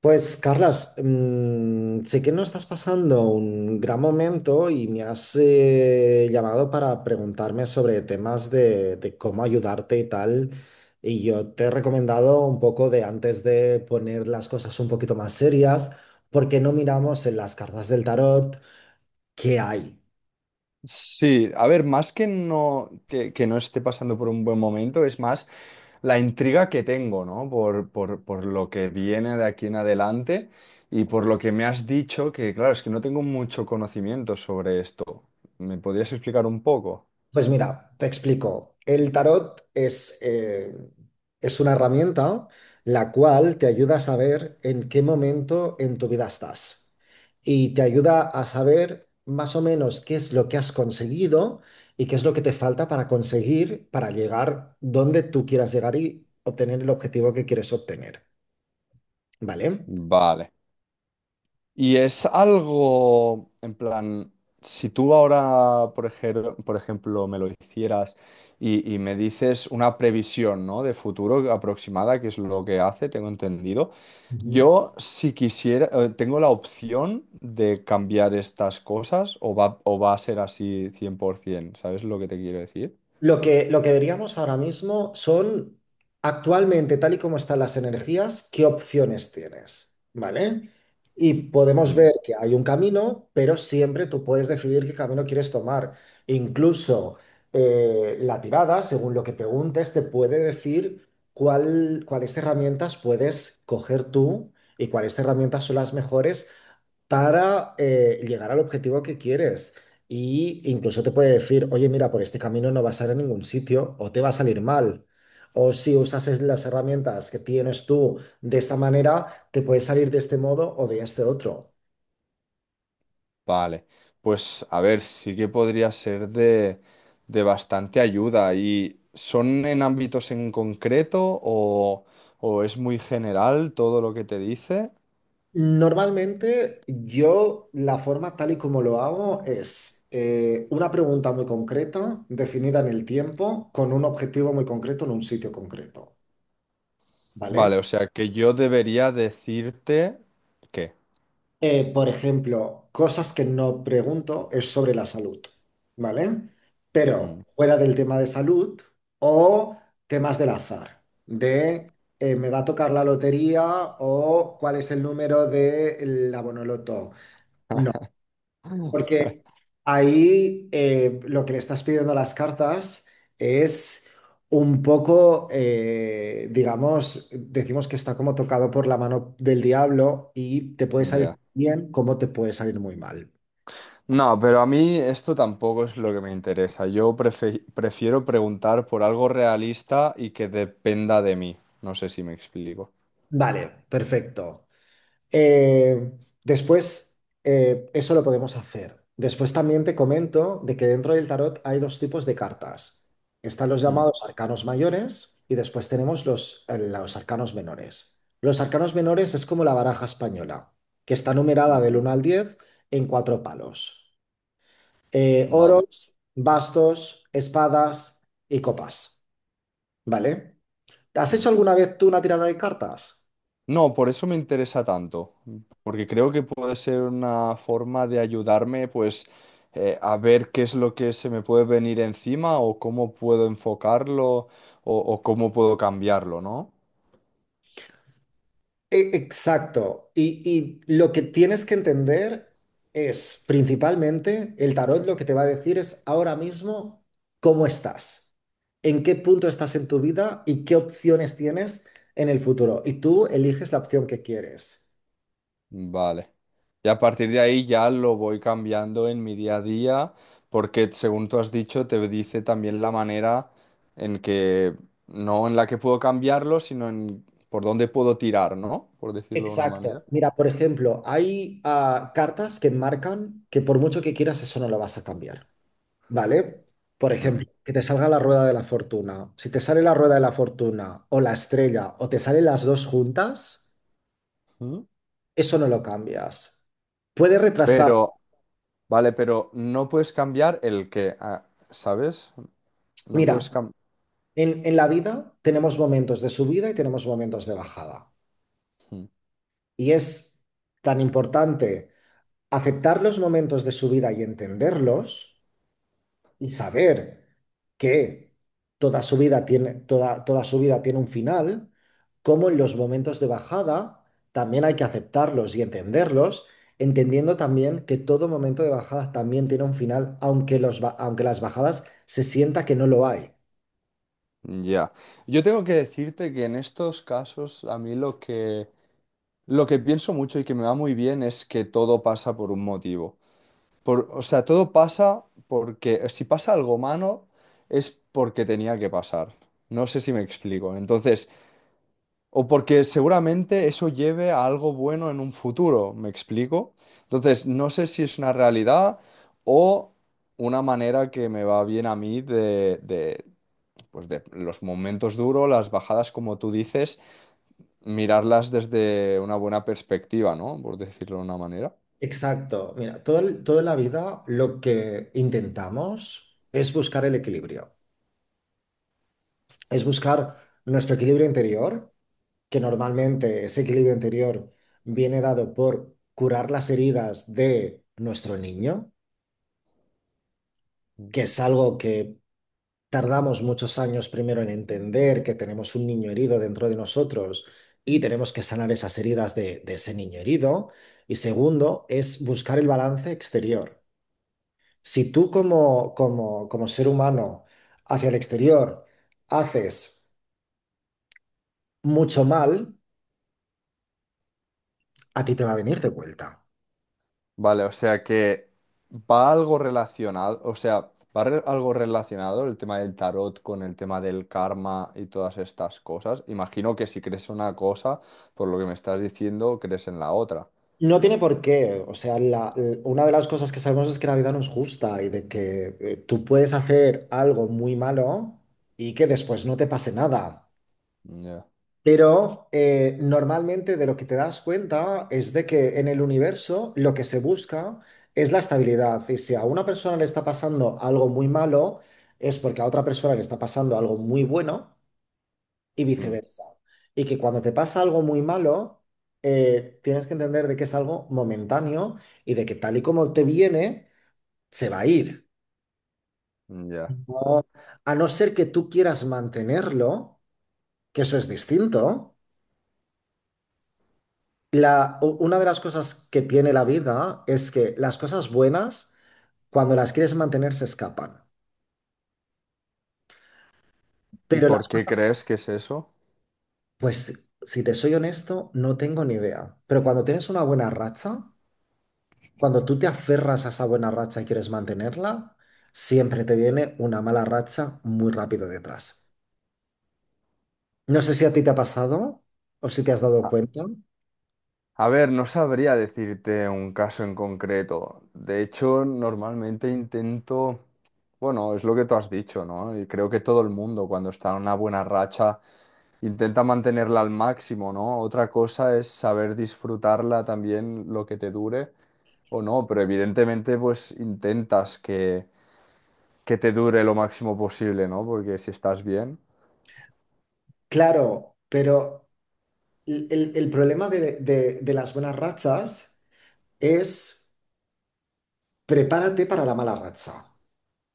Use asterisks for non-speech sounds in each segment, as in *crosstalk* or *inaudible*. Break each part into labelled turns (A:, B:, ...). A: Pues, Carlas, sé que no estás pasando un gran momento y me has llamado para preguntarme sobre temas de cómo ayudarte y tal. Y yo te he recomendado un poco de antes de poner las cosas un poquito más serias, porque no miramos en las cartas del tarot qué hay.
B: Sí, a ver, más que no, que no esté pasando por un buen momento, es más la intriga que tengo, ¿no? Por lo que viene de aquí en adelante y por lo que me has dicho, que claro, es que no tengo mucho conocimiento sobre esto. ¿Me podrías explicar un poco?
A: Pues mira, te explico. El tarot es una herramienta la cual te ayuda a saber en qué momento en tu vida estás y te ayuda a saber más o menos qué es lo que has conseguido y qué es lo que te falta para conseguir, para llegar donde tú quieras llegar y obtener el objetivo que quieres obtener. ¿Vale?
B: Vale. Y es algo, en plan, si tú ahora, por ejemplo, me lo hicieras y me dices una previsión, ¿no?, de futuro aproximada, que es lo que hace, tengo entendido.
A: Ujú.
B: Yo, si quisiera, tengo la opción de cambiar estas cosas o va a ser así 100%, ¿sabes lo que te quiero decir?
A: Lo que veríamos ahora mismo son, actualmente, tal y como están las energías, qué opciones tienes, ¿vale? Y podemos ver que hay un camino, pero siempre tú puedes decidir qué camino quieres tomar. Incluso la tirada, según lo que preguntes, te puede decir cuáles herramientas puedes coger tú y cuáles herramientas son las mejores para llegar al objetivo que quieres. Y incluso te puede decir, oye, mira, por este camino no vas a ir a ningún sitio o te va a salir mal. O si usas las herramientas que tienes tú de esta manera, te puedes salir de este modo o de este otro.
B: Vale, pues a ver, sí que podría ser de bastante ayuda. ¿Y son en ámbitos en concreto o es muy general todo lo que te dice?
A: Normalmente yo la forma tal y como lo hago es una pregunta muy concreta, definida en el tiempo, con un objetivo muy concreto en un sitio concreto,
B: Vale,
A: ¿vale?
B: o sea que yo debería decirte qué.
A: Por ejemplo, cosas que no pregunto es sobre la salud, ¿vale? Pero
B: Mm.
A: fuera del tema de salud o temas del azar, de me va a tocar la lotería o cuál es el número de la Bonoloto. Porque
B: *laughs*
A: ahí lo que le estás pidiendo a las cartas es un poco, digamos, decimos que está como tocado por la mano del diablo y te puede salir
B: Ya.
A: bien como te puede salir muy mal.
B: No, pero a mí esto tampoco es lo que me interesa. Yo prefiero preguntar por algo realista y que dependa de mí. No sé si me explico.
A: Vale, perfecto. Eh, después, eso lo podemos hacer. Después también te comento de que dentro del tarot hay dos tipos de cartas. Están los
B: Mm.
A: llamados arcanos mayores y después tenemos los arcanos menores. Los arcanos menores es como la baraja española, que está numerada
B: Mm.
A: del 1 al 10 en cuatro palos.
B: Vale.
A: Oros, bastos, espadas y copas. ¿Vale? ¿Has
B: Mm.
A: hecho alguna vez tú una tirada de cartas?
B: No, por eso me interesa tanto, porque creo que puede ser una forma de ayudarme, pues, a ver qué es lo que se me puede venir encima o cómo puedo enfocarlo o cómo puedo cambiarlo, ¿no?
A: Exacto. Y lo que tienes que entender es principalmente el tarot lo que te va a decir es ahora mismo cómo estás, en qué punto estás en tu vida y qué opciones tienes en el futuro. Y tú eliges la opción que quieres.
B: Vale. Y a partir de ahí ya lo voy cambiando en mi día a día, porque según tú has dicho, te dice también la manera en que, no en la que puedo cambiarlo, sino en por dónde puedo tirar, ¿no? Por decirlo de una
A: Exacto.
B: manera.
A: Mira, por ejemplo, hay cartas que marcan que por mucho que quieras eso no lo vas a cambiar. ¿Vale? Por ejemplo, que te salga la rueda de la fortuna. Si te sale la rueda de la fortuna o la estrella o te salen las dos juntas,
B: Mm.
A: eso no lo cambias. Puede retrasar.
B: Pero, vale, pero no puedes cambiar el que, ah, ¿sabes? No puedes
A: Mira,
B: cambiar.
A: en la vida tenemos momentos de subida y tenemos momentos de bajada. Y es tan importante aceptar los momentos de subida y entenderlos y saber que toda su vida tiene, toda su vida tiene un final, como en los momentos de bajada también hay que aceptarlos y entenderlos, entendiendo también que todo momento de bajada también tiene un final, aunque las bajadas se sienta que no lo hay.
B: Ya. Yo tengo que decirte que en estos casos a mí lo que pienso mucho y que me va muy bien es que todo pasa por un motivo. Por, o sea, todo pasa porque si pasa algo malo es porque tenía que pasar. No sé si me explico. Entonces, o porque seguramente eso lleve a algo bueno en un futuro, ¿me explico? Entonces, no sé si es una realidad o una manera que me va bien a mí de pues de los momentos duros, las bajadas, como tú dices, mirarlas desde una buena perspectiva, ¿no? Por decirlo de una manera.
A: Exacto. Mira, toda la vida lo que intentamos es buscar el equilibrio, es buscar nuestro equilibrio interior que normalmente ese equilibrio interior viene dado por curar las heridas de nuestro niño, que es algo que tardamos muchos años primero en entender que tenemos un niño herido dentro de nosotros y tenemos que sanar esas heridas de ese niño herido. Y segundo, es buscar el balance exterior. Si tú como ser humano hacia el exterior haces mucho mal, a ti te va a venir de vuelta.
B: Vale, o sea que va algo relacionado, o sea, algo relacionado el tema del tarot con el tema del karma y todas estas cosas. Imagino que si crees una cosa, por lo que me estás diciendo, crees en la otra.
A: No tiene por qué. O sea, una de las cosas que sabemos es que la vida no es justa y de que tú puedes hacer algo muy malo y que después no te pase nada.
B: Ya.
A: Pero normalmente de lo que te das cuenta es de que en el universo lo que se busca es la estabilidad. Y si a una persona le está pasando algo muy malo, es porque a otra persona le está pasando algo muy bueno y
B: Mm.
A: viceversa. Y que cuando te pasa algo muy malo, tienes que entender de que es algo momentáneo y de que tal y como te viene, se va a ir.
B: Ya.
A: No- a no ser que tú quieras mantenerlo, que eso es distinto. Una de las cosas que tiene la vida es que las cosas buenas, cuando las quieres mantener, se escapan.
B: ¿Y
A: Pero
B: por
A: las
B: qué
A: cosas,
B: crees que es eso?
A: pues si te soy honesto, no tengo ni idea. Pero cuando tienes una buena racha, cuando tú te aferras a esa buena racha y quieres mantenerla, siempre te viene una mala racha muy rápido detrás. No sé si a ti te ha pasado o si te has dado
B: A
A: cuenta.
B: a ver, no sabría decirte un caso en concreto. De hecho, normalmente intento, bueno, es lo que tú has dicho, ¿no? Y creo que todo el mundo cuando está en una buena racha intenta mantenerla al máximo, ¿no? Otra cosa es saber disfrutarla también lo que te dure o no, pero evidentemente pues intentas que te dure lo máximo posible, ¿no? Porque si estás bien,
A: Claro, pero el problema de las buenas rachas es prepárate para la mala racha.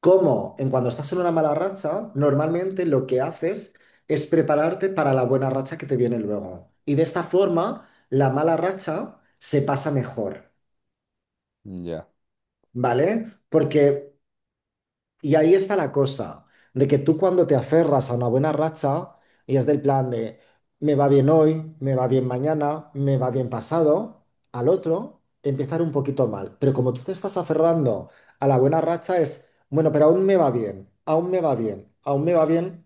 A: ¿Cómo? En cuando estás en una mala racha, normalmente lo que haces es prepararte para la buena racha que te viene luego. Y de esta forma, la mala racha se pasa mejor.
B: ya.
A: ¿Vale? Porque, y ahí está la cosa, de que tú cuando te aferras a una buena racha, y es del plan de, me va bien hoy, me va bien mañana, me va bien pasado, al otro, empezar un poquito mal. Pero como tú te estás aferrando a la buena racha es, bueno, pero aún me va bien, aún me va bien, aún me va bien,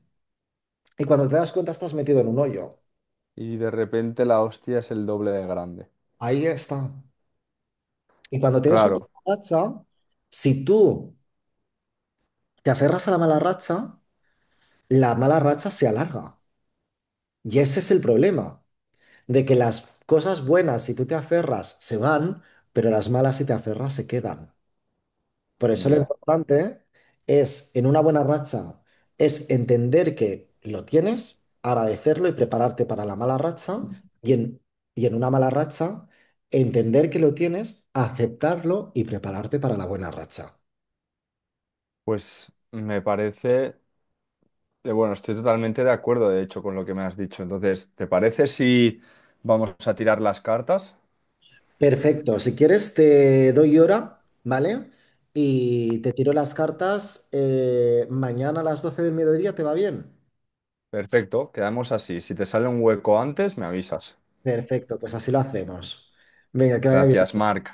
A: y cuando te das cuenta estás metido en un hoyo.
B: Y de repente la hostia es el doble de grande.
A: Ahí está. Y cuando tienes una
B: Claro,
A: mala racha, si tú te aferras a la mala racha se alarga. Y ese es el problema, de que las cosas buenas, si tú te aferras, se van, pero las malas, si te aferras, se quedan. Por eso lo
B: ya.
A: importante es, en una buena racha, es entender que lo tienes, agradecerlo y prepararte para la mala racha, y en, y en una mala racha, entender que lo tienes, aceptarlo y prepararte para la buena racha.
B: Pues me parece, bueno, estoy totalmente de acuerdo, de hecho, con lo que me has dicho. Entonces, ¿te parece si vamos a tirar las cartas?
A: Perfecto, si quieres te doy hora, ¿vale? Y te tiro las cartas mañana a las 12 del mediodía, ¿te va bien?
B: Perfecto, quedamos así. Si te sale un hueco antes, me avisas.
A: Perfecto, pues así lo hacemos. Venga, que vaya bien.
B: Gracias, Marc.